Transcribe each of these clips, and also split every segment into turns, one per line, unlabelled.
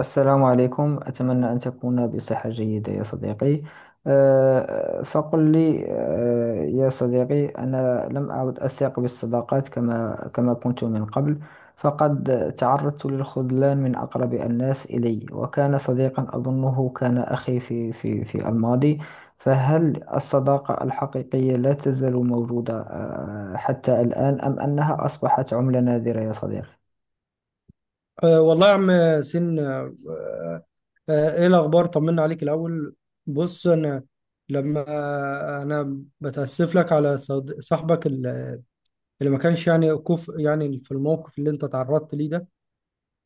السلام عليكم، أتمنى أن تكون بصحة جيدة يا صديقي. فقل لي يا صديقي، أنا لم أعد أثق بالصداقات كما كنت من قبل. فقد تعرضت للخذلان من أقرب الناس إلي، وكان صديقا أظنه كان أخي في الماضي. فهل الصداقة الحقيقية لا تزال موجودة حتى الآن، أم أنها أصبحت عملة نادرة يا صديقي؟
والله يا عم ياسين أه آه، آه، ايه الاخبار، طمنا عليك الاول. بص انا لما انا بتاسف لك على صاحبك اللي ما كانش يعني كوف، يعني في الموقف اللي انت تعرضت ليه ده.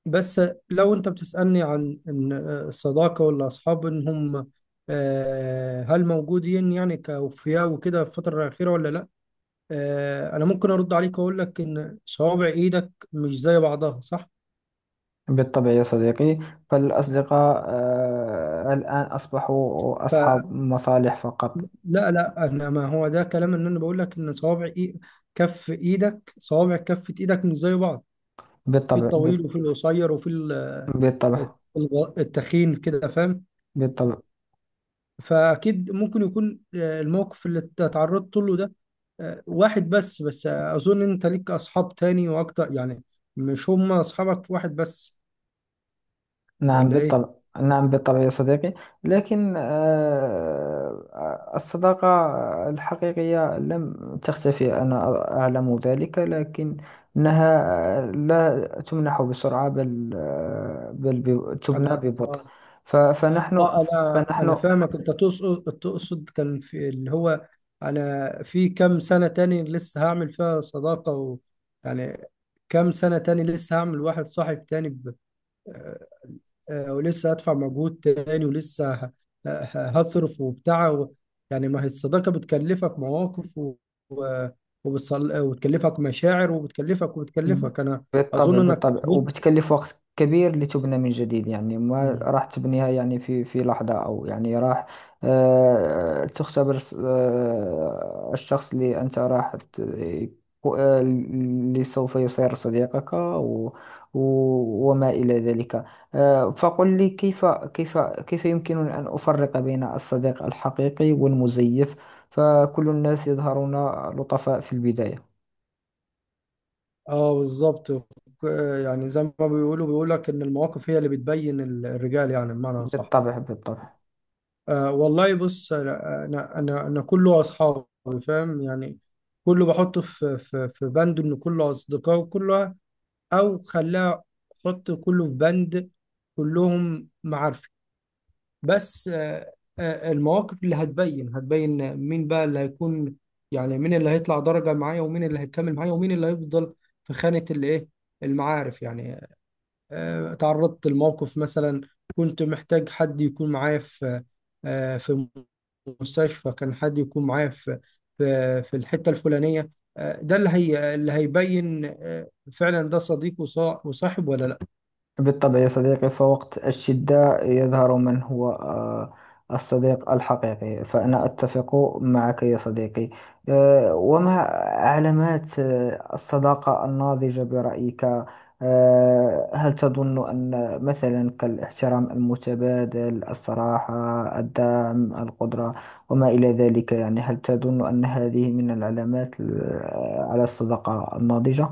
بس لو انت بتسالني عن ان الصداقه والاصحاب ان هم هل موجودين يعني كأوفياء وكده في الفترة الأخيرة ولا لأ؟ أنا ممكن أرد عليك وأقول لك إن صوابع إيدك مش زي بعضها، صح؟
بالطبع يا صديقي، فالأصدقاء الآن أصبحوا أصحاب مصالح فقط.
لا لا، انا ما هو ده كلام، ان انا بقول لك ان كف ايدك، صوابع كفة ايدك مش زي بعض، في
بالطبع
الطويل
بال-
وفي القصير وفي
بالطبع.
التخين كده، فاهم؟
بالطبع.
فاكيد ممكن يكون الموقف اللي تعرضت له ده واحد، بس اظن انت ليك اصحاب تاني واكتر يعني، مش هم اصحابك واحد بس،
نعم
ولا
بالطبع.
ايه؟
نعم بالطبع يا صديقي. لكن الصداقة الحقيقية لم تختفي، أنا أعلم ذلك، لكنها لا تمنح بسرعة، بل تبنى
انا
ببطء. فنحن.
اه، انا
فنحن
فاهمك، انت تقصد كان في اللي هو انا في كام سنة تاني لسه هعمل فيها صداقة؟ و يعني كام سنة تاني لسه هعمل واحد صاحب تاني؟ ب... آه، آه، ولسه هدفع مجهود تاني، ولسه هصرف وبتاع و... يعني ما هي الصداقة بتكلفك مواقف و... و... وبتكلفك مشاعر، وبتكلفك انا
بالطبع.
اظن انك
بالطبع،
احبطت.
وبتكلف وقت كبير لتبنى من جديد، يعني ما راح تبنيها يعني في لحظة، أو يعني راح تختبر الشخص اللي أنت اللي سوف يصير صديقك و وما إلى ذلك. فقل لي، كيف يمكنني أن أفرق بين الصديق الحقيقي والمزيف؟ فكل الناس يظهرون لطفاء في البداية.
اه بالظبط. ك- يعني زي ما بيقولوا، بيقول لك ان المواقف هي اللي بتبين الرجال، يعني بمعنى صح.
بالطبع. بالطبع.
آه والله بص، انا انا كله اصحابي، فاهم يعني، كله بحطه في في بند ان كله اصدقاء وكله، او خلاه حط كله في بند، كلهم معارفي. بس المواقف اللي هتبين مين بقى اللي هيكون، يعني مين اللي هيطلع درجة معايا، ومين اللي هيكمل معايا، ومين اللي هيفضل في خانة الايه؟ المعارف يعني. تعرضت لموقف مثلا، كنت محتاج حد يكون معايا في آه، في مستشفى، كان حد يكون معايا في في الحتة الفلانية. ده اللي اللي هيبين فعلا ده صديق وصاحب ولا لا.
بالطبع يا صديقي، فوقت الشدة يظهر من هو الصديق الحقيقي، فأنا أتفق معك يا صديقي. وما علامات الصداقة الناضجة برأيك؟ هل تظن أن مثلا كالاحترام المتبادل، الصراحة، الدعم، القدرة، وما إلى ذلك، يعني هل تظن أن هذه من العلامات على الصداقة الناضجة؟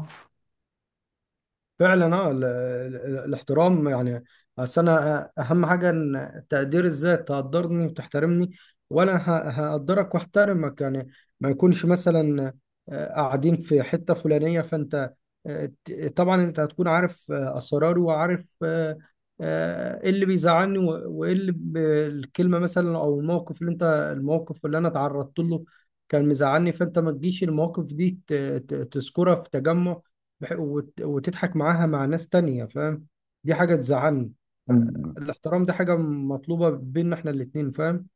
فعلا اه الاحترام يعني، اصل انا اهم حاجه ان تقدير الذات، تقدرني وتحترمني، وانا هقدرك واحترمك يعني. ما يكونش مثلا قاعدين في حته فلانيه، فانت طبعا انت هتكون عارف اسراري، وعارف ايه اللي بيزعلني، وايه اللي الكلمه مثلا، او الموقف اللي الموقف اللي انا تعرضت له كان مزعلني، فانت ما تجيش المواقف دي تذكرها في تجمع وتضحك معاها مع ناس تانية، فاهم؟ دي حاجة تزعلني. الاحترام ده حاجة مطلوبة بيننا احنا الاتنين، فاهم؟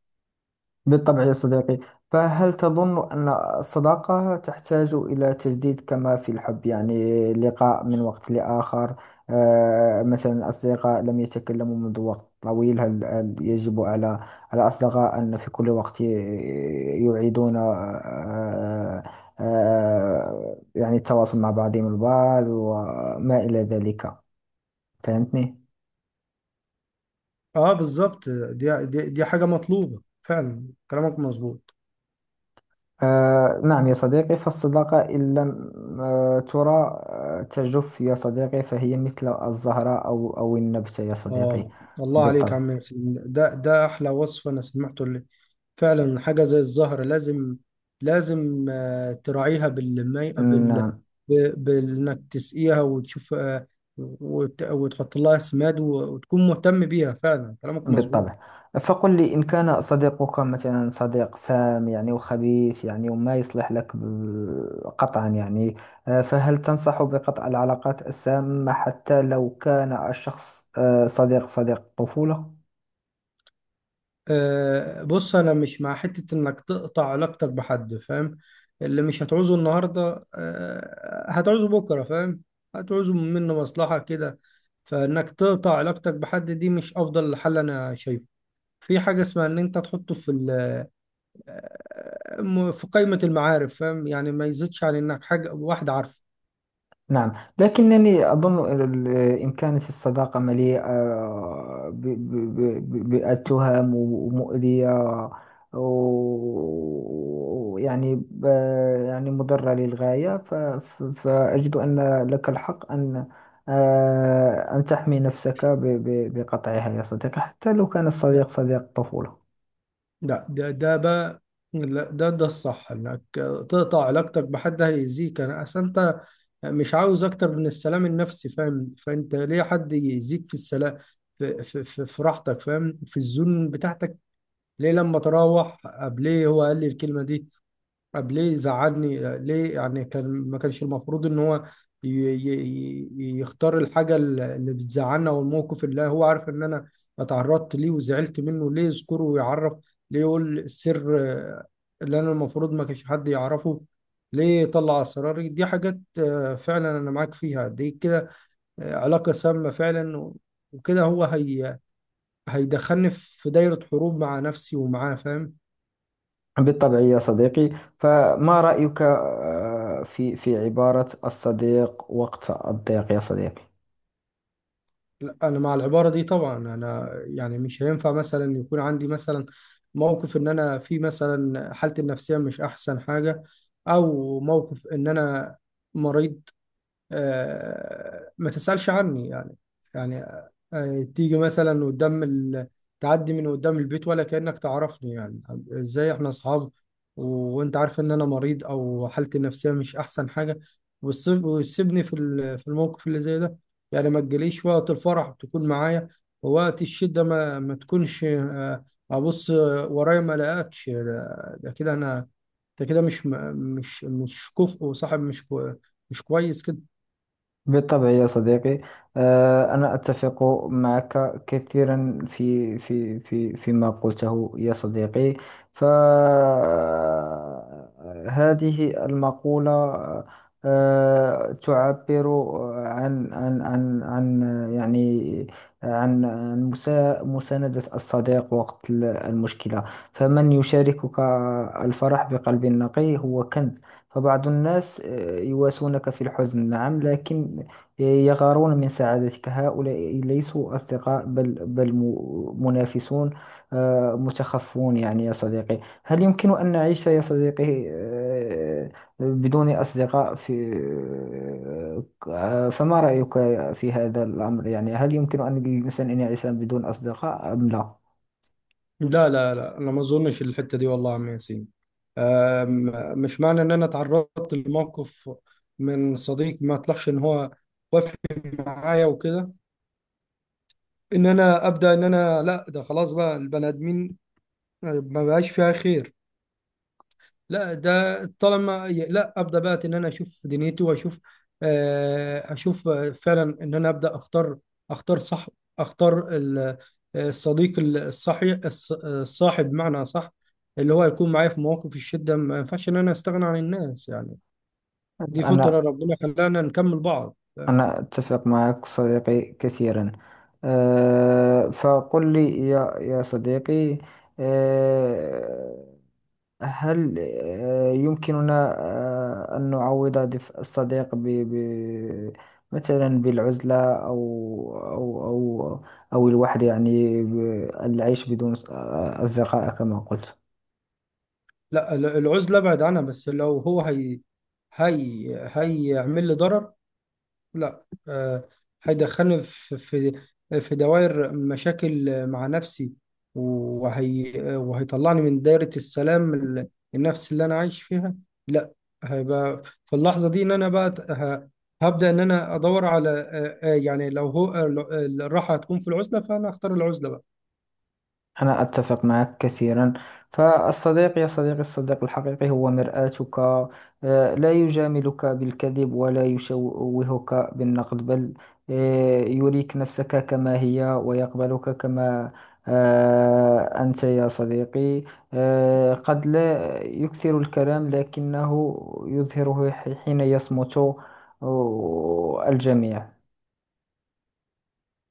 بالطبع يا صديقي. فهل تظن أن الصداقة تحتاج إلى تجديد كما في الحب؟ يعني لقاء من وقت لآخر، مثلا الأصدقاء لم يتكلموا منذ وقت طويل، هل يجب على الأصدقاء أن في كل وقت يعيدون يعني التواصل مع بعضهم البعض وما إلى ذلك، فهمتني؟
اه بالظبط، دي حاجة مطلوبة فعلا، كلامك مظبوط.
آه نعم يا صديقي، فالصداقة إن لم ترى تجف يا صديقي، فهي مثل الزهرة أو النبتة يا صديقي.
اه الله عليك يا
بالطبع.
عم ياسين، ده ده احلى وصف انا سمعته، اللي فعلا حاجة زي الزهر، لازم لازم تراعيها بالمي بال
نعم.
بانك تسقيها، وتشوف وتحط لها سماد، وتكون مهتم بيها، فعلا كلامك مظبوط.
بالطبع. فقل لي، إن كان صديقك مثلا صديق سام يعني وخبيث، يعني وما يصلح لك قطعا، يعني آه فهل تنصح بقطع العلاقات السامة حتى لو كان الشخص آه صديق طفولة؟
أه بص، انا مش مع حتة انك تقطع علاقتك بحد، فاهم؟ اللي مش هتعوزه النهاردة أه هتعوزه بكرة، فاهم؟ هتعوزه منه مصلحة كده. فانك تقطع علاقتك بحد دي مش افضل حل انا شايفه. في حاجة اسمها ان انت تحطه في في قائمة المعارف، فاهم؟ يعني ما يزيدش عن انك حاجة واحد عارفه.
نعم، لكنني أظن إن كانت الصداقة مليئة بالتهم ومؤذية، ويعني ب- يعني مضرة للغاية، فأجد أن لك الحق أن أن تحمي نفسك بقطعها يا صديقي، حتى لو كان الصديق
لا
صديق طفولة.
لا، ده ده بقى، لا ده ده الصح، انك تقطع علاقتك بحد هيأذيك. انا اصل انت مش عاوز اكتر من السلام النفسي، فاهم؟ فانت ليه حد يزيد في السلام، في, في, راحتك، فاهم؟ في الزون بتاعتك. ليه لما تروح قبل، ليه هو قال لي الكلمه دي؟ طب ليه زعلني؟ ليه يعني كان ما كانش المفروض ان هو يختار الحاجه اللي بتزعلنا، والموقف اللي هو عارف ان انا اتعرضت ليه وزعلت منه، ليه يذكره ويعرف؟ ليه يقول السر اللي انا المفروض ما كانش حد يعرفه؟ ليه يطلع اسراري؟ دي حاجات فعلا انا معاك فيها دي كده، علاقه سامه فعلا، وكده هي هيدخلني في دايره حروب مع نفسي ومعاه، فاهم؟
بالطبع يا صديقي. فما رأيك في عبارة الصديق وقت الضيق يا صديقي؟
لا، انا مع العباره دي طبعا. انا يعني مش هينفع مثلا يكون عندي مثلا موقف ان انا في مثلا حالتي النفسيه مش احسن حاجه، او موقف ان انا مريض، ما تسألش عني يعني. يعني تيجي مثلا قدام تعدي من قدام البيت ولا كأنك تعرفني يعني، ازاي احنا اصحاب؟ و... وانت عارف ان انا مريض او حالتي النفسية مش احسن حاجة، وتسيبني في في الموقف اللي زي ده، يعني ما تجيليش وقت الفرح تكون معايا، ووقت الشدة ما تكونش ابص ورايا ما الاقيكش. ده ده كده انا، ده كده مش كفء، وصاحب مش كويس كده.
بالطبع يا صديقي. أنا أتفق معك كثيرا في فيما قلته يا صديقي. فهذه المقولة تعبر عن يعني عن مساندة الصديق وقت المشكلة. فمن يشاركك الفرح بقلب نقي هو كنز. فبعض الناس يواسونك في الحزن، نعم، لكن يغارون من سعادتك، هؤلاء ليسوا أصدقاء، بل منافسون متخفون، يعني يا صديقي، هل يمكن أن نعيش يا صديقي بدون أصدقاء في فما رأيك في هذا الأمر؟ يعني هل يمكن أن للإنسان أن يعيش بدون أصدقاء أم لا؟
لا انا ما اظنش الحته دي، والله يا عم ياسين. مش معنى ان انا تعرضت لموقف من صديق ما طلعش ان هو وافق معايا وكده، ان انا ابدا، ان انا لا ده خلاص بقى البني ادمين ما بقاش فيها خير. لا، ده طالما لا ابدا بقى، ان انا اشوف دنيتي، واشوف اشوف فعلا ان انا ابدا اختار، اختار صح، اختار الصديق الصحي، الصاحب بمعنى صح، اللي هو يكون معايا في مواقف الشده. ما ينفعش ان انا استغنى عن الناس يعني، دي فطره
أنا
ربنا خلانا نكمل بعض.
أنا أتفق معك صديقي كثيرا. أه فقل لي يا صديقي، أه هل يمكننا أن نعوض دفء الصديق ب مثلا بالعزلة، أو أو الوحدة، يعني العيش بدون أصدقاء كما قلت.
لا العزله ابعد عنها، بس لو هي هي هيعمل لي ضرر، لا هيدخلني في في دوائر مشاكل مع نفسي، وهيطلعني من دايرة السلام النفسي اللي أنا عايش فيها. لا، هيبقى في اللحظة دي إن أنا بقى هبدأ إن أنا أدور على يعني لو هو آه، لو- آه، الراحة هتكون في العزلة فأنا أختار العزلة بقى.
أنا أتفق معك كثيرا. فالصديق يا صديقي، الصديق الحقيقي هو مرآتك، لا يجاملك بالكذب، ولا يشوهك بالنقد، بل يريك نفسك كما هي، ويقبلك كما أنت يا صديقي. قد لا يكثر الكلام، لكنه يظهره حين يصمت الجميع.